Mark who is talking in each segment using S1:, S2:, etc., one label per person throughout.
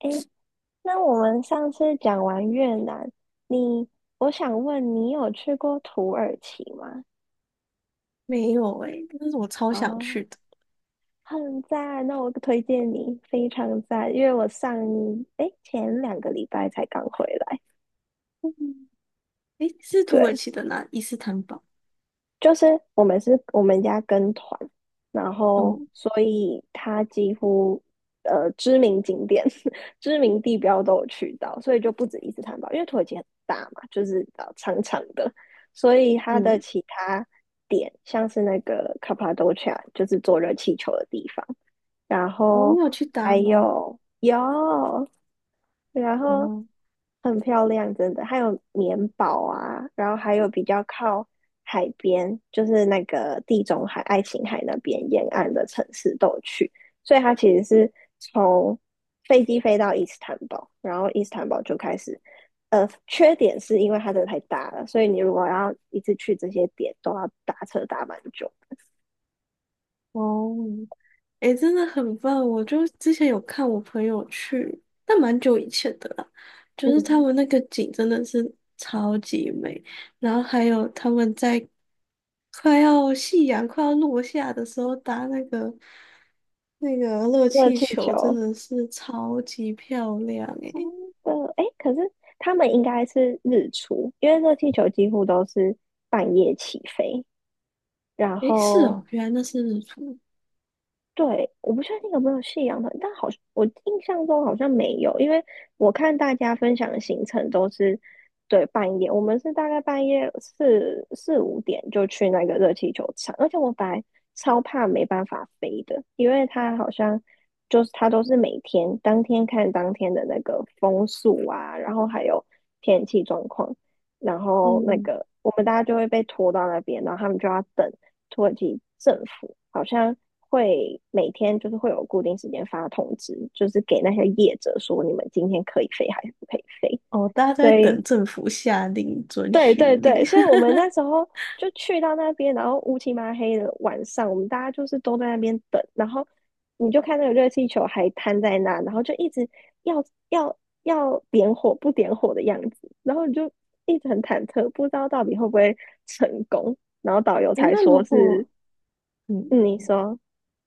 S1: 诶，那我们上次讲完越南，你，我想问你有去过土耳其吗？
S2: 没有哎，但是我超想
S1: 哦，
S2: 去的。
S1: 很赞，那我推荐你，非常赞，因为我上，诶，前2个礼拜才刚回来。
S2: 嗯。诶、是土耳
S1: 对，
S2: 其的哪？伊斯坦堡。
S1: 就是我们家跟团，然后
S2: 哦。
S1: 所以他几乎知名景点、知名地标都有去到，所以就不止伊斯坦堡，因为土耳其很大嘛，就是长长的，所以它的
S2: 嗯。
S1: 其他点像是那个 Cappa 就是坐热气球的地方，然
S2: 哦，你
S1: 后
S2: 有去搭
S1: 还
S2: 吗？
S1: 有有，然后
S2: 哦。
S1: 很漂亮，真的。还有棉堡啊，然后还有比较靠海边，就是那个地中海、爱琴海那边沿岸的城市都有去，所以它其实是从飞机飞到伊斯坦堡，然后伊斯坦堡就开始。缺点是因为它真的太大了，所以你如果要一次去这些点，都要打车打蛮久的。
S2: 哦。哎，真的很棒。我就之前有看我朋友去，但蛮久以前的啦。就是他
S1: 嗯，
S2: 们那个景真的是超级美，然后还有他们在快要夕阳快要落下的时候搭那个热
S1: 热
S2: 气
S1: 气
S2: 球，真
S1: 球
S2: 的是超级漂亮哎。
S1: 真的，哎，可是他们应该是日出，因为热气球几乎都是半夜起飞，然
S2: 诶，是
S1: 后
S2: 哦，原来那是日出。
S1: 对，我不确定有没有夕阳的，但好像我印象中好像没有，因为我看大家分享的行程都是对半夜，我们是大概半夜四五点就去那个热气球场，而且我本来超怕没办法飞的，因为它好像就是它都是每天当天看当天的那个风速啊，然后还有天气状况，然后那
S2: 嗯。
S1: 个我们大家就会被拖到那边，然后他们就要等。土耳其政府好像会每天就是会有固定时间发通知，就是给那些业者说你们今天可以飞还是不可以飞。
S2: 哦，大家
S1: 所
S2: 在
S1: 以，
S2: 等政府下令准
S1: 对
S2: 许
S1: 对
S2: 令。
S1: 对，所以我 们那时候就去到那边，然后乌漆嘛黑的晚上，我们大家就是都在那边等，然后你就看那个热气球还摊在那，然后就一直要要要点火不点火的样子，然后你就一直很忐忑，不知道到底会不会成功。然后导游
S2: 诶，
S1: 才
S2: 那如
S1: 说是，
S2: 果嗯，
S1: 嗯、你说。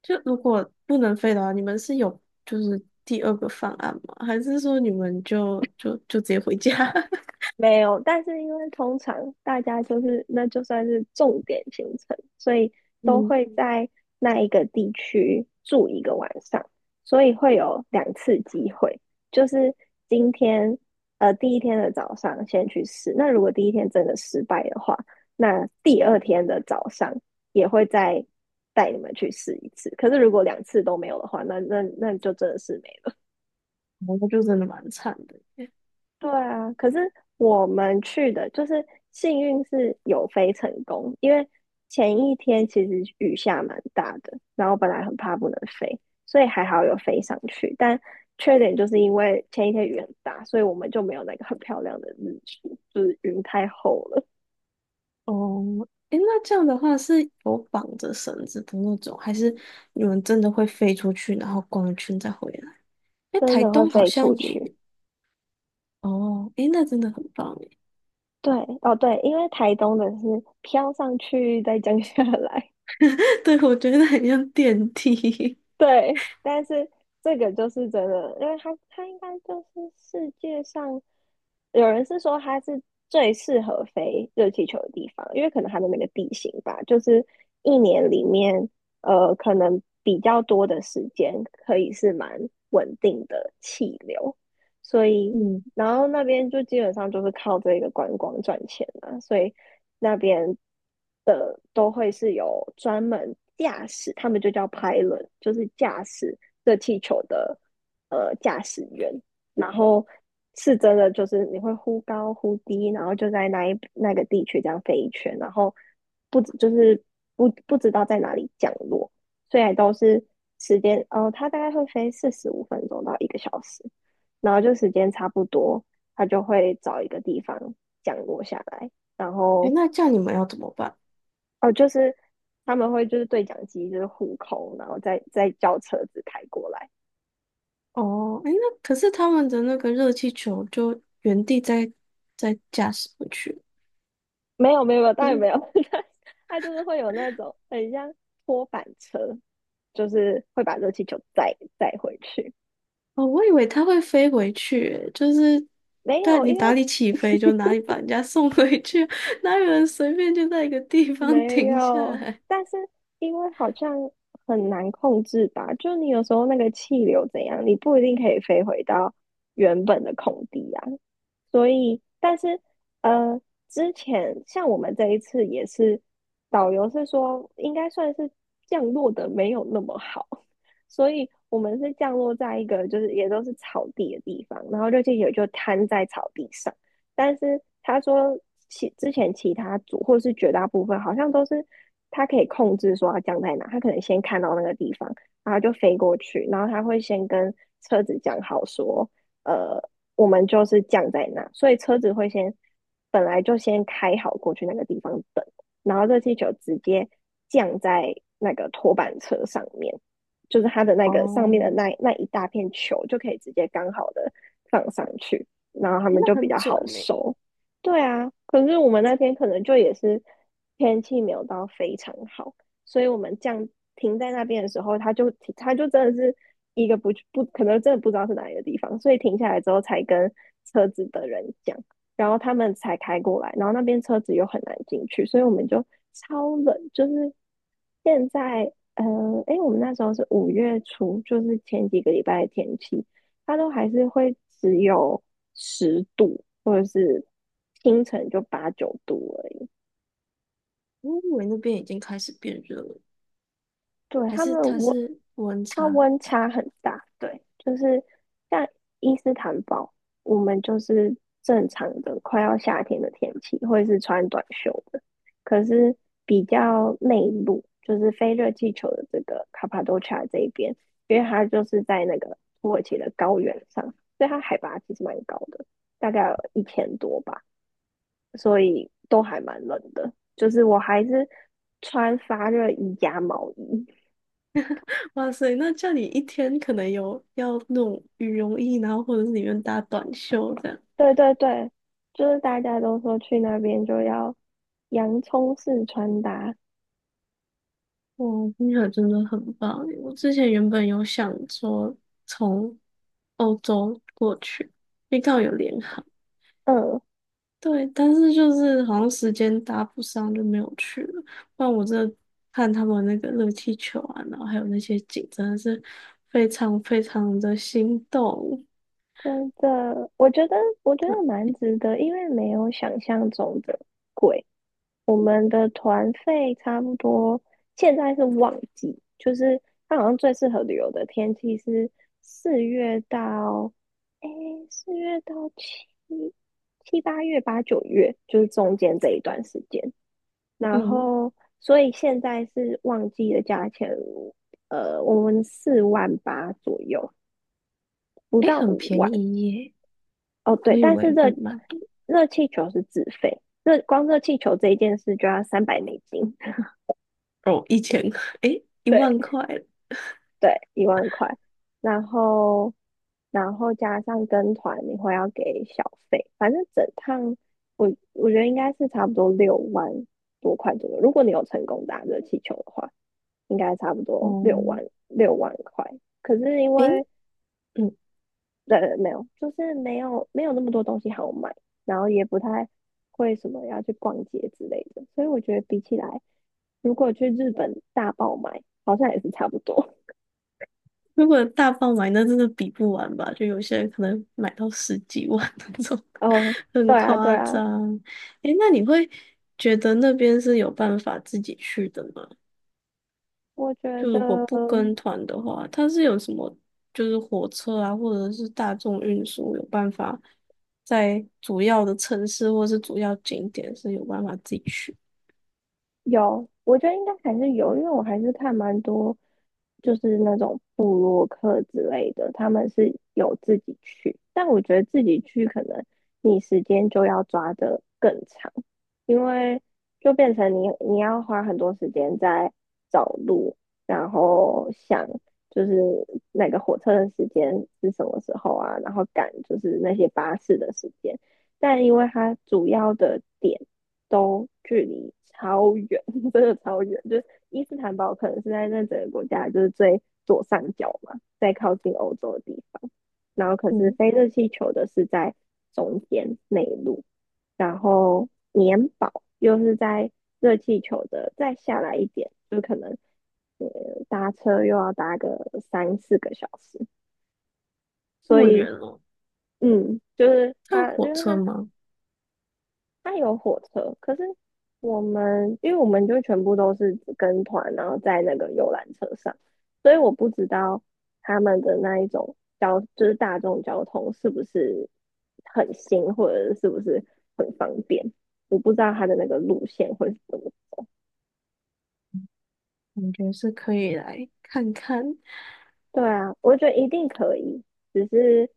S2: 就如果不能飞的话，你们是有就是第二个方案吗？还是说你们就直接回家？
S1: 没有，但是因为通常大家就是那就算是重点行程，所以都
S2: 嗯。
S1: 会在那一个地区住一个晚上，所以会有2次机会，就是今天第一天的早上先去试，那如果第一天真的失败的话，那第二天的早上也会再带你们去试一次。可是如果两次都没有的话，那就真的是没
S2: 哦，那就真的蛮惨的耶。
S1: 对啊，可是我们去的就是幸运是有飞成功，因为前一天其实雨下蛮大的，然后本来很怕不能飞，所以还好有飞上去。但缺点就是因为前一天雨很大，所以我们就没有那个很漂亮的日出，就是云太厚了，
S2: 哦。诶，那这样的话是有绑着绳子的那种，还是你们真的会飞出去，然后逛一圈再回来？诶，
S1: 真
S2: 台
S1: 的会
S2: 东好
S1: 飞出
S2: 像也
S1: 去。
S2: 有。哦。诶，那真的很棒。
S1: 对，哦对，因为台东的是飘上去再降下来，
S2: 对，我觉得很像电梯。
S1: 对，但是这个就是真的，因为它应该就是世界上有人是说它是最适合飞热气球的地方，因为可能它的那个地形吧，就是1年里面可能比较多的时间可以是蛮稳定的气流，所以
S2: 嗯。
S1: 然后那边就基本上就是靠这个观光赚钱了，所以那边都会是有专门驾驶，他们就叫 pilot，就是驾驶热气球的驾驶员。然后是真的，就是你会忽高忽低，然后就在那个地区这样飞一圈，然后不就是不不知道在哪里降落，虽然都是时间，哦，它大概会飞45分钟到1个小时，然后就时间差不多，它就会找一个地方降落下来，然
S2: 诶，
S1: 后
S2: 那这样你们要怎么办？
S1: 哦，就是他们会就是对讲机就是互扣，然后再叫车子开过来。
S2: 哦。诶，那可是他们的那个热气球就原地在驾驶回去，
S1: 没有没有没有，
S2: 不
S1: 当然没
S2: 是？
S1: 有，他他就是会有那种很像拖板车，就是会把热气球载回去。
S2: 哦，我以为它会飞回去欸，就是
S1: 没
S2: 在
S1: 有，
S2: 你
S1: 因
S2: 哪
S1: 为
S2: 里起飞就哪里把人家送回去，哪有人随便就在一个地方
S1: 没
S2: 停下
S1: 有，
S2: 来？
S1: 但是因为好像很难控制吧，就你有时候那个气流怎样，你不一定可以飞回到原本的空地啊。所以，但是呃，之前像我们这一次也是，导游是说应该算是降落的没有那么好，所以我们是降落在一个就是也都是草地的地方，然后就也就瘫在草地上。但是他说之前其他组或是绝大部分好像都是他可以控制说要降在哪，他可能先看到那个地方，然后就飞过去，然后他会先跟车子讲好说，呃，我们就是降在哪，所以车子会先本来就先开好过去那个地方等，然后热气球直接降在那个拖板车上面，就是它的那个上
S2: 哦。
S1: 面的那一大片球就可以直接刚好的放上去。然后他
S2: 诶，
S1: 们
S2: 那
S1: 就比
S2: 很
S1: 较好
S2: 准呢。
S1: 收。对啊，可是我们那天可能就也是天气没有到非常好，所以我们停在那边的时候，他就真的是一个不可能真的不知道是哪一个地方，所以停下来之后才跟车子的人讲，然后他们才开过来，然后那边车子又很难进去，所以我们就超冷，就是现在。诶，我们那时候是5月初，就是前几个礼拜的天气，它都还是会只有10度，或者是清晨就8 9度而已。
S2: 我以为那边已经开始变热了，
S1: 对，
S2: 还
S1: 他
S2: 是
S1: 们
S2: 它
S1: 温，
S2: 是温
S1: 它
S2: 差？
S1: 温差很大。对，就是像伊斯坦堡，我们就是正常的快要夏天的天气，或者是穿短袖的。可是比较内陆，就是非热气球的这个卡帕多奇亚这一边，因为它就是在那个土耳其的高原上，所以它海拔其实蛮高的，大概有1000多吧。所以都还蛮冷的。就是我还是穿发热衣加毛衣。
S2: 哇塞，那叫你一天可能有要那种羽绒衣，然后或者是里面搭短袖这样。
S1: 对对对，就是大家都说去那边就要洋葱式穿搭。
S2: 哇，听起来真的很棒耶。我之前原本有想说从欧洲过去，因为刚好有联航。
S1: 嗯，
S2: 对，但是就是好像时间搭不上，就没有去了。不然我真的看他们那个热气球啊，然后还有那些景，真的是非常非常的心动。
S1: 真的，我觉得蛮值得，因为没有想象中的贵。我们的团费差不多，现在是旺季，就是它好像最适合旅游的天气是四月到，诶，四月到七八月8 9月，就是中间这一段时间。然
S2: 嗯。
S1: 后，所以现在是旺季的价钱，我们4万8左右，不
S2: 诶，
S1: 到
S2: 很
S1: 五
S2: 便
S1: 万。
S2: 宜耶。
S1: 哦，
S2: 我
S1: 对，
S2: 以
S1: 但是
S2: 为会
S1: 热
S2: 买。
S1: 热气球是自费，热气球这一件事就要300美金。
S2: 哦，一千，块，诶，一
S1: 对，
S2: 万块。
S1: 对，1万块，然后加上跟团，你会要给小费，反正整趟我觉得应该是差不多6万多块左右。如果你有成功打热气球的话，应该差不多
S2: 哦。
S1: 六万块。可是因
S2: 诶。
S1: 为
S2: 嗯。
S1: 对没有，就是没有没有那么多东西好买，然后也不太会什么要去逛街之类的，所以我觉得比起来，如果去日本大爆买，好像也是差不多。
S2: 如果大爆买，那真的比不完吧？就有些人可能买到十几万 那种，
S1: 嗯，
S2: 很
S1: 对啊，对
S2: 夸
S1: 啊。
S2: 张。诶，那你会觉得那边是有办法自己去的吗？
S1: 我觉
S2: 就
S1: 得
S2: 如果不跟团的话，它是有什么，就是火车啊，或者是大众运输有办法在主要的城市或是主要景点是有办法自己去？
S1: 我觉得应该还是有，因为我还是看蛮多，就是那种部落客之类的，他们是有自己去，但我觉得自己去可能你时间就要抓得更长，因为就变成你要花很多时间在找路，然后想就是那个火车的时间是什么时候啊，然后赶就是那些巴士的时间。但因为它主要的点都距离超远，真的超远。就是伊斯坦堡可能是在那整个国家就是最左上角嘛，在靠近欧洲的地方。然后可是
S2: 嗯，
S1: 飞热气球的是在中间内陆，然后棉堡又是在热气球的再下来一点，就可能搭车又要搭个3 4个小时。
S2: 那
S1: 所
S2: 么
S1: 以，
S2: 远哦。
S1: 嗯，就是
S2: 它有
S1: 它，
S2: 火
S1: 因为
S2: 车
S1: 它
S2: 吗？
S1: 它有火车，可是因为我们就全部都是跟团，然后在那个游览车上，所以我不知道他们的那一种交就是大众交通是不是很新，或者是不是很方便，我不知道他的那个路线会是怎么
S2: 感觉是可以来看看。
S1: 对啊，我觉得一定可以，只是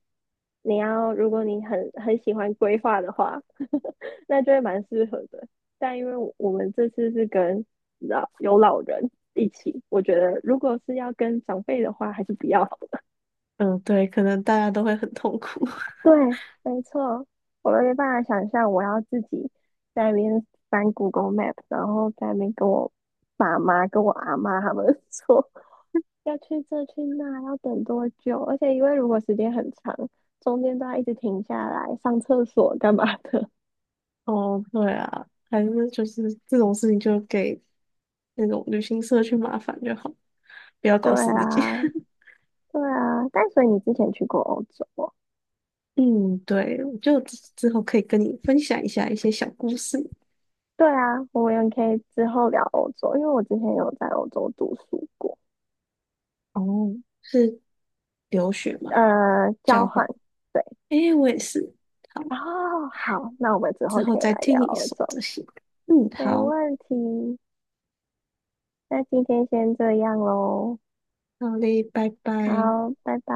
S1: 你要，如果你很喜欢规划的话，那就会蛮适合的。但因为我们这次是跟老人一起，我觉得如果是要跟长辈的话，还是不要。
S2: 嗯，对，可能大家都会很痛苦。
S1: 对，没错，我没办法想象我要自己在那边翻 Google Map，然后在那边跟我爸妈、跟我阿妈他们 说要去这去那，要等多久？而且因为如果时间很长，中间都要一直停下来上厕所干嘛的。
S2: 哦，对啊，还是就是这种事情就给那种旅行社去麻烦就好，不要
S1: 对
S2: 搞死自己。
S1: 啊，对啊。但所以你之前去过欧洲哦？
S2: 嗯，对，我就之后可以跟你分享一下一些小故事。
S1: 对啊，我们也可以之后聊欧洲，因为我之前有在欧洲读书过，
S2: 哦，是留学吗？交
S1: 交
S2: 换？
S1: 换。对，
S2: 诶，我也是。好。
S1: 哦，好，那我们之
S2: 之
S1: 后
S2: 后
S1: 可以
S2: 再
S1: 来
S2: 听
S1: 聊
S2: 你
S1: 欧
S2: 说
S1: 洲，
S2: 这些。嗯。
S1: 没
S2: 好，
S1: 问题。那今天先这样喽，
S2: 好嘞，拜拜。
S1: 好，拜拜。